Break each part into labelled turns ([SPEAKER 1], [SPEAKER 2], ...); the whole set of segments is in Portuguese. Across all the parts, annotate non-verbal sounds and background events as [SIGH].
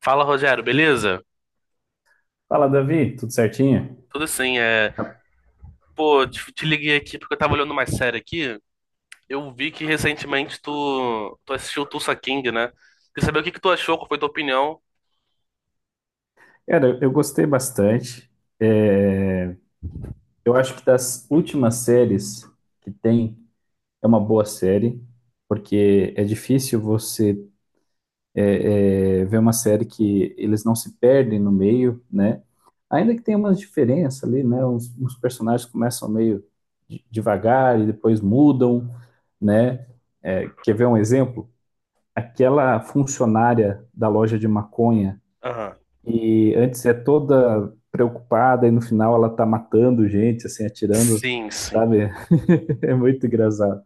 [SPEAKER 1] Fala, Rogério, beleza?
[SPEAKER 2] Fala, Davi, tudo certinho?
[SPEAKER 1] Tudo sim, é. Pô, te liguei aqui porque eu tava olhando uma série aqui. Eu vi que recentemente tu assistiu Tulsa King, né? Queria saber o que que tu achou, qual foi tua opinião.
[SPEAKER 2] Cara, eu gostei bastante. É, eu acho que das últimas séries que tem, é uma boa série, porque é difícil você ver uma série que eles não se perdem no meio, né? Ainda que tenha umas diferenças ali, né? Uns personagens começam meio devagar e depois mudam, né? É, quer ver um exemplo? Aquela funcionária da loja de maconha.
[SPEAKER 1] Aham.
[SPEAKER 2] E antes é toda preocupada e no final ela tá matando gente, assim, atirando,
[SPEAKER 1] Sim, sim.
[SPEAKER 2] sabe? [LAUGHS] É muito engraçado.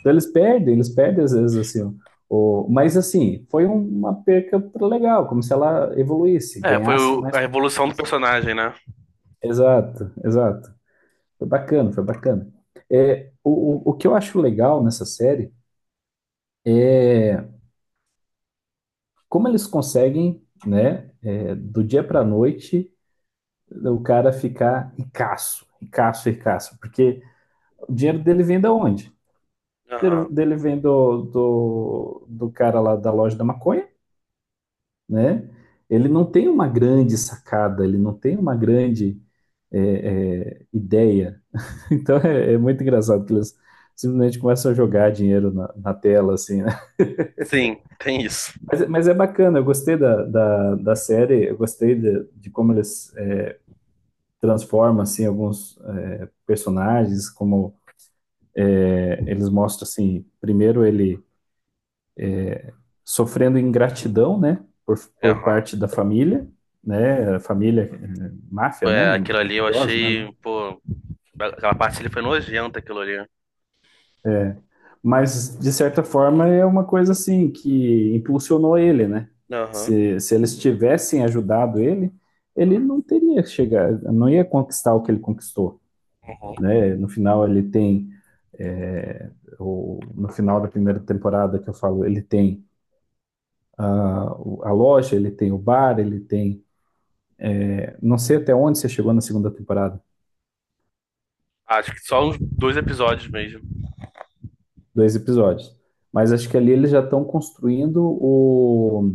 [SPEAKER 2] Então eles perdem às vezes, assim. Mas, assim, uma perca legal, como se ela evoluísse,
[SPEAKER 1] É, foi
[SPEAKER 2] ganhasse
[SPEAKER 1] o-
[SPEAKER 2] mais
[SPEAKER 1] a evolução do
[SPEAKER 2] confiança.
[SPEAKER 1] personagem, né?
[SPEAKER 2] Exato, exato. Foi bacana, foi bacana. É, o que eu acho legal nessa série, como eles conseguem, né, do dia para noite, o cara ficar ricaço, ricaço, ricaço, porque... O dinheiro dele vem da onde? O
[SPEAKER 1] Aham.
[SPEAKER 2] dinheiro dele vem do cara lá da loja da maconha, né? Ele não tem uma grande sacada, ele não tem uma grande é, ideia. [LAUGHS] Então é muito engraçado que eles simplesmente começam a jogar dinheiro na tela, assim, né?
[SPEAKER 1] Sim, tem isso.
[SPEAKER 2] Mas é bacana, eu gostei da série, eu gostei de como eles transformam, assim, alguns personagens, como eles mostram, assim, primeiro ele sofrendo ingratidão, né, por
[SPEAKER 1] Aham.
[SPEAKER 2] parte da família, né, família máfia,
[SPEAKER 1] É,
[SPEAKER 2] né,
[SPEAKER 1] aquilo ali eu
[SPEAKER 2] mafioso, né,
[SPEAKER 1] achei,
[SPEAKER 2] não.
[SPEAKER 1] pô, aquela parte ali foi nojenta, aquilo ali.
[SPEAKER 2] Mas de certa forma é uma coisa assim que impulsionou ele, né?
[SPEAKER 1] Aham.
[SPEAKER 2] Se eles tivessem ajudado ele, ele não teria chegado, não ia conquistar o que ele conquistou,
[SPEAKER 1] Uhum.
[SPEAKER 2] né? No final ele tem eh, no final da primeira temporada que eu falo, ele tem ah, a loja, ele tem o bar, ele tem, não sei até onde você chegou na segunda temporada.
[SPEAKER 1] Acho que só uns dois episódios mesmo.
[SPEAKER 2] Dois episódios. Mas acho que ali eles já estão construindo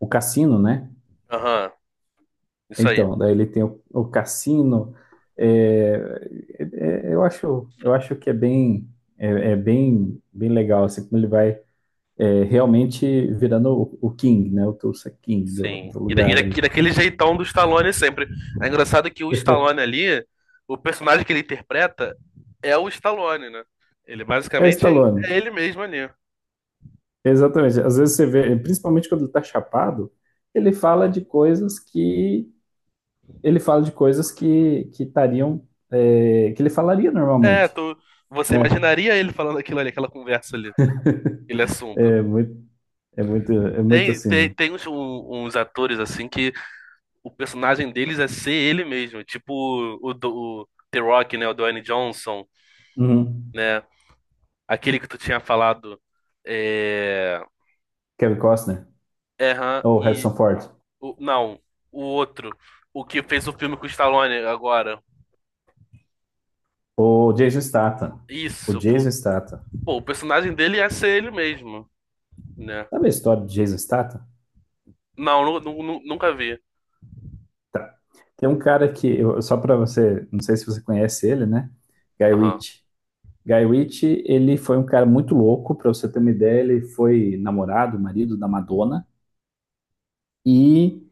[SPEAKER 2] o cassino, né?
[SPEAKER 1] Aham. Isso aí.
[SPEAKER 2] Então, daí ele tem o cassino. é, eu acho que é bem, é bem, bem legal, assim, como ele vai realmente virando o King, né? O Tulsa King
[SPEAKER 1] Sim.
[SPEAKER 2] do
[SPEAKER 1] E, da- e, da-
[SPEAKER 2] lugar
[SPEAKER 1] e
[SPEAKER 2] ali.
[SPEAKER 1] daquele jeitão do Stallone sempre. É engraçado que o Stallone ali, o personagem que ele interpreta é o Stallone, né? Ele
[SPEAKER 2] É o
[SPEAKER 1] basicamente
[SPEAKER 2] Stallone,
[SPEAKER 1] é ele mesmo ali.
[SPEAKER 2] exatamente. Às vezes você vê, principalmente quando ele tá chapado, ele fala de coisas que ele fala de coisas que estariam que ele falaria
[SPEAKER 1] É,
[SPEAKER 2] normalmente,
[SPEAKER 1] tu, você
[SPEAKER 2] né?
[SPEAKER 1] imaginaria ele falando aquilo ali, aquela conversa ali, aquele assunto.
[SPEAKER 2] É muito, é muito
[SPEAKER 1] Tem,
[SPEAKER 2] assim,
[SPEAKER 1] tem,
[SPEAKER 2] né?
[SPEAKER 1] tem uns, uns atores assim que o personagem deles é ser ele mesmo. Tipo o The Rock, né? O Dwayne Johnson,
[SPEAKER 2] Uhum.
[SPEAKER 1] né? Aquele que tu tinha falado. É.
[SPEAKER 2] Kevin Costner,
[SPEAKER 1] É, aham.
[SPEAKER 2] ou Harrison Ford,
[SPEAKER 1] Não, o outro. O que fez o filme com o Stallone agora.
[SPEAKER 2] ou Jason Statham, o
[SPEAKER 1] Isso. O,
[SPEAKER 2] Jason Statham.
[SPEAKER 1] pô, o personagem dele ia ser ele mesmo, né?
[SPEAKER 2] Sabe a história de Jason Statham?
[SPEAKER 1] Não, nunca vi.
[SPEAKER 2] Tá. Tem um cara que só para você, não sei se você conhece ele, né? Guy
[SPEAKER 1] Aham.
[SPEAKER 2] Ritchie. Guy Ritchie, ele foi um cara muito louco, para você ter uma ideia, ele foi namorado, marido da Madonna, e...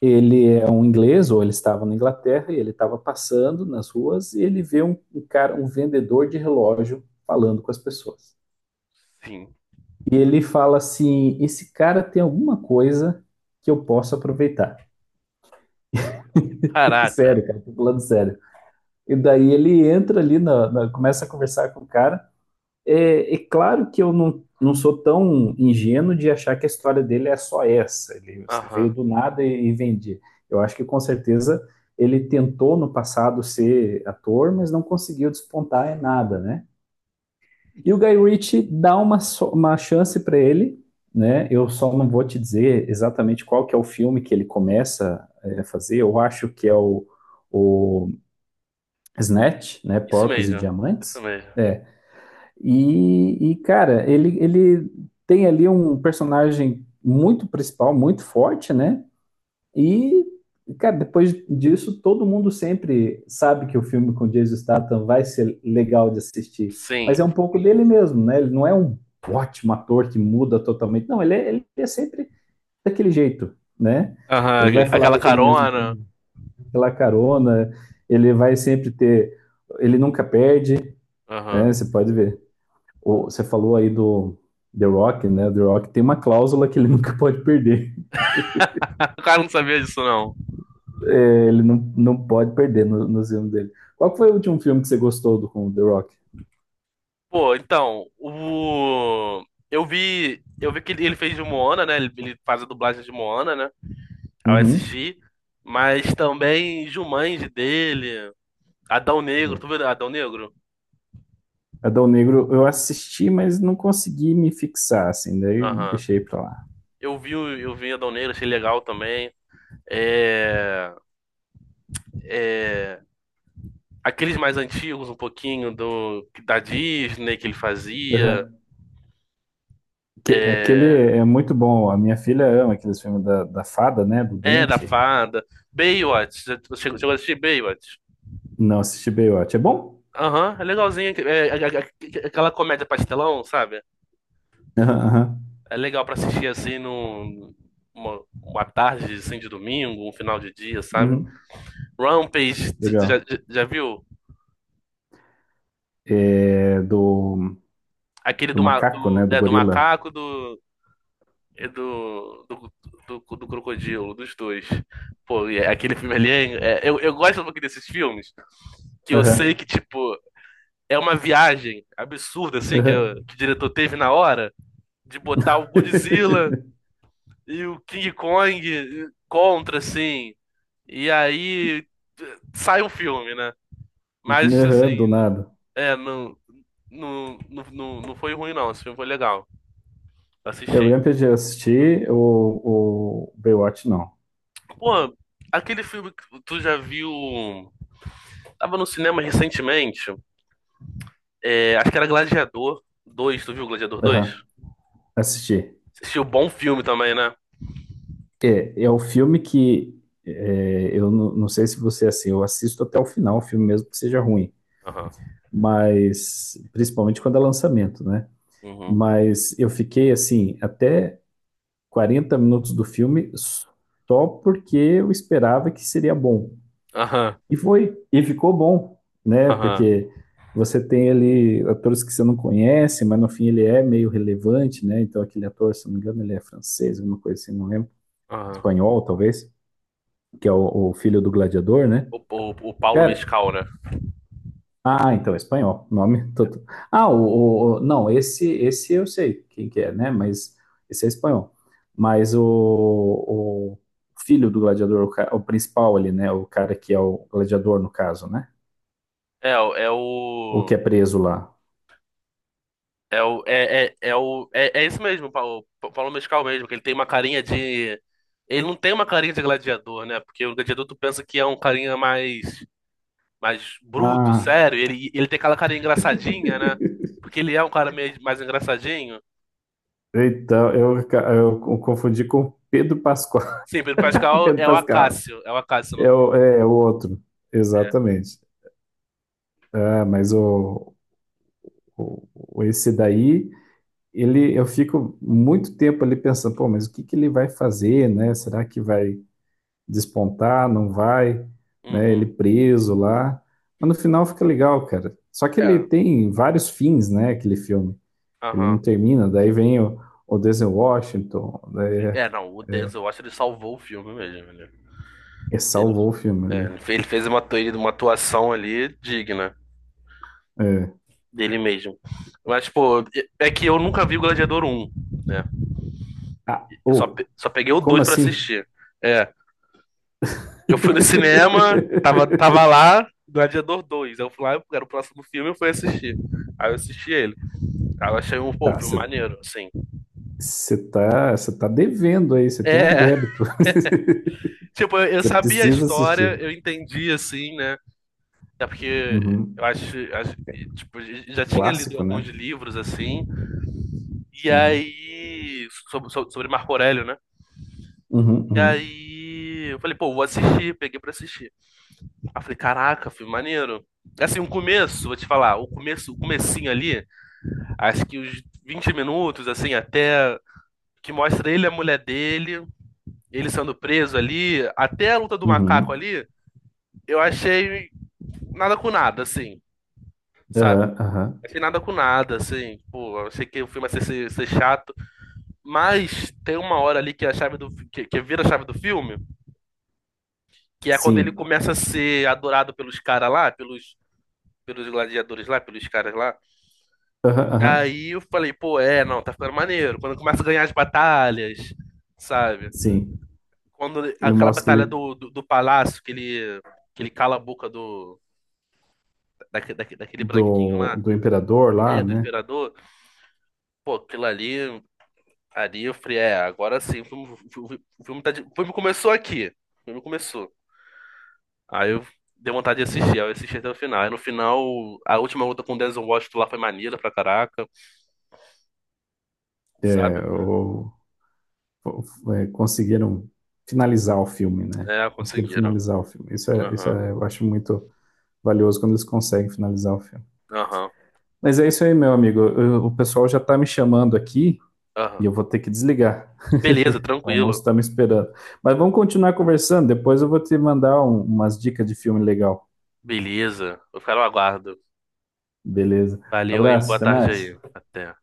[SPEAKER 2] Ele é um inglês, ou ele estava na Inglaterra, e ele estava passando nas ruas e ele vê um cara, um vendedor de relógio falando com as pessoas.
[SPEAKER 1] Sim.
[SPEAKER 2] E ele fala assim: esse cara tem alguma coisa que eu posso aproveitar. [LAUGHS]
[SPEAKER 1] Caraca.
[SPEAKER 2] Sério, cara, tô falando sério. E daí ele entra ali, começa a conversar com o cara. É, é claro que eu não sou tão ingênuo de achar que a história dele é só essa. Ele veio
[SPEAKER 1] Aham.
[SPEAKER 2] do nada e vendia. Eu acho que com certeza ele tentou no passado ser ator, mas não conseguiu despontar em nada, né? E o Guy Ritchie dá uma, uma chance para ele, né? Eu só não vou te dizer exatamente qual que é o filme que ele começa a fazer. Eu acho que é o Snatch, né?
[SPEAKER 1] Isso
[SPEAKER 2] Porcos e
[SPEAKER 1] mesmo. Isso
[SPEAKER 2] Diamantes.
[SPEAKER 1] mesmo.
[SPEAKER 2] É, cara, ele tem ali um personagem muito principal, muito forte, né? E, cara, depois disso, todo mundo sempre sabe que o filme com Jason Statham vai ser legal de assistir. Mas é
[SPEAKER 1] Sim.
[SPEAKER 2] um pouco dele mesmo, né? Ele não é um ótimo ator que muda totalmente. Não, ele é sempre daquele jeito, né?
[SPEAKER 1] Aham.
[SPEAKER 2] Ele vai falar
[SPEAKER 1] Aquela
[SPEAKER 2] daquele mesmo
[SPEAKER 1] carona.
[SPEAKER 2] tom, pela carona, ele vai sempre ter... Ele nunca perde, né?
[SPEAKER 1] Aham.
[SPEAKER 2] Você pode ver você falou aí do The Rock, né? The Rock tem uma cláusula que ele [LAUGHS] nunca pode perder.
[SPEAKER 1] [LAUGHS] O cara não sabia disso, não.
[SPEAKER 2] É, ele não pode perder no filme dele. Qual foi o último filme que você gostou do, com o The Rock?
[SPEAKER 1] Pô, então, o. Eu vi. Eu vi que ele fez de Moana, né? Ele faz a dublagem de Moana, né? Ao
[SPEAKER 2] Uhum.
[SPEAKER 1] assisti, mas também Jumanji dele, Adão Negro, tu
[SPEAKER 2] Bom.
[SPEAKER 1] viu Adão Negro?
[SPEAKER 2] É, Adão Negro eu assisti, mas não consegui me fixar, assim, daí
[SPEAKER 1] Aham.
[SPEAKER 2] deixei pra lá.
[SPEAKER 1] Eu vi, eu vi Adão Negro, achei legal também. É, aqueles mais antigos, um pouquinho do da Disney que ele fazia.
[SPEAKER 2] Uhum. Que, aquele é muito bom. A minha filha ama aqueles filmes da fada, né? Do
[SPEAKER 1] É, da
[SPEAKER 2] dente.
[SPEAKER 1] Fada. Baywatch, você chegou a assistir Baywatch?
[SPEAKER 2] Não assisti Baywatch. É bom?
[SPEAKER 1] Aham, é legalzinho. É aquela comédia pastelão, sabe?
[SPEAKER 2] Aham, aham.
[SPEAKER 1] É legal pra assistir assim num, uma tarde assim, de domingo, um final de dia, sabe?
[SPEAKER 2] Uhum.
[SPEAKER 1] Rampage, tu já,
[SPEAKER 2] Legal.
[SPEAKER 1] já- viu?
[SPEAKER 2] É do,
[SPEAKER 1] Aquele
[SPEAKER 2] do
[SPEAKER 1] do, ma-
[SPEAKER 2] macaco, né?
[SPEAKER 1] do,
[SPEAKER 2] Do
[SPEAKER 1] é, do
[SPEAKER 2] gorila.
[SPEAKER 1] macaco do, e do crocodilo, dos dois. Pô, e aquele filme ali, eu gosto um pouquinho desses filmes, que eu sei
[SPEAKER 2] Aham,
[SPEAKER 1] que, tipo, é uma viagem absurda, assim, que,
[SPEAKER 2] aham.
[SPEAKER 1] que o diretor teve na hora, de botar o Godzilla
[SPEAKER 2] [LAUGHS]
[SPEAKER 1] e o King Kong contra, assim, e aí sai um filme, né? Mas,
[SPEAKER 2] Aham,
[SPEAKER 1] assim,
[SPEAKER 2] do nada.
[SPEAKER 1] é, não, não foi ruim, não. Esse filme foi legal.
[SPEAKER 2] Eu,
[SPEAKER 1] Assisti.
[SPEAKER 2] Rampage eu assisti, o Baywatch não.
[SPEAKER 1] Pô, aquele filme que tu já viu. Tava no cinema recentemente. É, acho que era Gladiador dois. Tu viu Gladiador 2?
[SPEAKER 2] Aham, assisti.
[SPEAKER 1] Assistiu bom filme também, né?
[SPEAKER 2] É, é o filme que eu não sei se você é assim, eu assisto até o final, o filme mesmo que seja ruim,
[SPEAKER 1] Aham.
[SPEAKER 2] mas principalmente quando é lançamento, né?
[SPEAKER 1] Uhum.
[SPEAKER 2] Mas eu fiquei assim, até 40 minutos do filme só porque eu esperava que seria bom.
[SPEAKER 1] Aham.
[SPEAKER 2] E foi, e ficou bom, né?
[SPEAKER 1] Aham.
[SPEAKER 2] Porque você tem ali atores que você não conhece, mas no fim ele é meio relevante, né? Então aquele ator, se não me engano, ele é francês, alguma coisa assim, não lembro.
[SPEAKER 1] Aham.
[SPEAKER 2] Espanhol, talvez, que é o filho do gladiador, né?
[SPEAKER 1] O, o Paulo
[SPEAKER 2] Cara,
[SPEAKER 1] Mescal, né?
[SPEAKER 2] ah, então é espanhol, nome [LAUGHS] todo. Ah, não, esse eu sei quem que é, né? Mas esse é espanhol. Mas o filho do gladiador, o principal ali, né? O cara que é o gladiador no caso, né?
[SPEAKER 1] É, o- é
[SPEAKER 2] O que
[SPEAKER 1] o.
[SPEAKER 2] é preso lá.
[SPEAKER 1] É o. É, é isso mesmo, o Paulo Mescal mesmo, que ele tem uma carinha de. Ele não tem uma carinha de gladiador, né? Porque o gladiador tu pensa que é um carinha mais bruto,
[SPEAKER 2] Ah,
[SPEAKER 1] sério. Ele tem aquela cara engraçadinha, né? Porque ele é um cara meio mais engraçadinho.
[SPEAKER 2] então, eu confundi com Pedro Pascoal.
[SPEAKER 1] Sim, Pedro
[SPEAKER 2] [LAUGHS]
[SPEAKER 1] Pascal
[SPEAKER 2] Pedro
[SPEAKER 1] é o
[SPEAKER 2] Pascal
[SPEAKER 1] Acácio. É o Acácio no
[SPEAKER 2] é
[SPEAKER 1] filme.
[SPEAKER 2] é é o outro,
[SPEAKER 1] É.
[SPEAKER 2] exatamente. Ah, mas esse daí, ele, eu fico muito tempo ali pensando, pô, mas o que que ele vai fazer, né? Será que vai despontar? Não vai? Né? Ele
[SPEAKER 1] Uhum.
[SPEAKER 2] preso lá. Mas no final fica legal, cara. Só que ele
[SPEAKER 1] É.
[SPEAKER 2] tem vários fins, né? Aquele filme. Ele não
[SPEAKER 1] Aham.
[SPEAKER 2] termina, daí vem o Denzel Washington, daí
[SPEAKER 1] Sim. É, não, o
[SPEAKER 2] é,
[SPEAKER 1] Denzel Washington ele salvou o filme mesmo. Ele,
[SPEAKER 2] ele
[SPEAKER 1] ele,
[SPEAKER 2] salvou o filme.
[SPEAKER 1] é,
[SPEAKER 2] Ele...
[SPEAKER 1] ele fez uma, uma atuação ali digna
[SPEAKER 2] É.
[SPEAKER 1] dele mesmo. Mas, pô, é que eu nunca vi o Gladiador 1, né?
[SPEAKER 2] Ah,
[SPEAKER 1] Eu só,
[SPEAKER 2] oh,
[SPEAKER 1] só peguei o
[SPEAKER 2] como
[SPEAKER 1] 2 pra
[SPEAKER 2] assim?
[SPEAKER 1] assistir. É. Eu fui no cinema, tava
[SPEAKER 2] [LAUGHS]
[SPEAKER 1] lá, Gladiador Dois. Eu fui lá, era o próximo filme, eu fui assistir. Aí eu assisti ele. Aí eu achei um, pô, um
[SPEAKER 2] Tá,
[SPEAKER 1] filme
[SPEAKER 2] você
[SPEAKER 1] maneiro, assim.
[SPEAKER 2] tá, cê tá devendo aí, você tem um
[SPEAKER 1] É,
[SPEAKER 2] débito.
[SPEAKER 1] [LAUGHS] tipo,
[SPEAKER 2] [LAUGHS]
[SPEAKER 1] eu
[SPEAKER 2] Você
[SPEAKER 1] sabia a
[SPEAKER 2] precisa
[SPEAKER 1] história,
[SPEAKER 2] assistir.
[SPEAKER 1] eu entendi, assim, né? É porque eu
[SPEAKER 2] Uhum.
[SPEAKER 1] acho, tipo, já tinha lido
[SPEAKER 2] Clássico,
[SPEAKER 1] alguns
[SPEAKER 2] né?
[SPEAKER 1] livros, assim. E
[SPEAKER 2] Uhum.
[SPEAKER 1] aí, sobre, sobre Marco Aurélio, né?
[SPEAKER 2] Uhum,
[SPEAKER 1] E
[SPEAKER 2] uhum,
[SPEAKER 1] aí, eu falei, pô, vou assistir, peguei pra assistir. Aí eu falei, caraca, filme maneiro. É. Assim, o começo, vou te falar, o começo, o comecinho ali, acho que os 20 minutos, assim, até que mostra ele e a mulher dele, ele sendo preso ali, até a luta do macaco
[SPEAKER 2] uhum.
[SPEAKER 1] ali, eu achei nada com nada, assim, sabe?
[SPEAKER 2] Aham, aham.
[SPEAKER 1] Achei nada com nada, assim, pô, eu achei que o filme ia ser chato, mas tem uma hora ali que a chave que vira a chave do filme, que é quando ele
[SPEAKER 2] Sim.
[SPEAKER 1] começa a ser adorado pelos caras lá, pelos, pelos gladiadores lá, pelos caras lá,
[SPEAKER 2] Aham, aham.
[SPEAKER 1] aí eu falei, pô, é, não, tá ficando maneiro, quando começa a ganhar as batalhas, sabe?
[SPEAKER 2] Sim.
[SPEAKER 1] Quando
[SPEAKER 2] Ele
[SPEAKER 1] aquela
[SPEAKER 2] mostra que
[SPEAKER 1] batalha
[SPEAKER 2] ele
[SPEAKER 1] do palácio, que ele cala a boca do, daquele branquinho
[SPEAKER 2] do,
[SPEAKER 1] lá,
[SPEAKER 2] do imperador lá,
[SPEAKER 1] é, do
[SPEAKER 2] né?
[SPEAKER 1] imperador, pô, aquilo ali, ali eu falei, é, agora sim, o filme, o filme, o filme tá de- o filme começou aqui. O filme começou. Aí eu dei vontade de assistir, aí eu assisti até o final. Aí no final, a última luta com o Denzel Washington lá foi maneira pra caraca,
[SPEAKER 2] É,
[SPEAKER 1] sabe?
[SPEAKER 2] o, fo- é, conseguiram finalizar o filme, né?
[SPEAKER 1] É,
[SPEAKER 2] Conseguiram
[SPEAKER 1] conseguiram.
[SPEAKER 2] finalizar o filme. Isso
[SPEAKER 1] Aham,
[SPEAKER 2] é, eu acho muito valioso quando eles conseguem finalizar o filme.
[SPEAKER 1] aham,
[SPEAKER 2] Mas é isso aí, meu amigo. O pessoal já está me chamando aqui e
[SPEAKER 1] aham.
[SPEAKER 2] eu vou ter que desligar.
[SPEAKER 1] Beleza,
[SPEAKER 2] O almoço
[SPEAKER 1] tranquilo.
[SPEAKER 2] está me esperando. Mas vamos continuar conversando. Depois eu vou te mandar umas dicas de filme legal.
[SPEAKER 1] Beleza, eu quero no aguardo.
[SPEAKER 2] Beleza.
[SPEAKER 1] Valeu, hein?
[SPEAKER 2] Abraço,
[SPEAKER 1] Boa
[SPEAKER 2] até
[SPEAKER 1] tarde
[SPEAKER 2] mais.
[SPEAKER 1] aí. Até.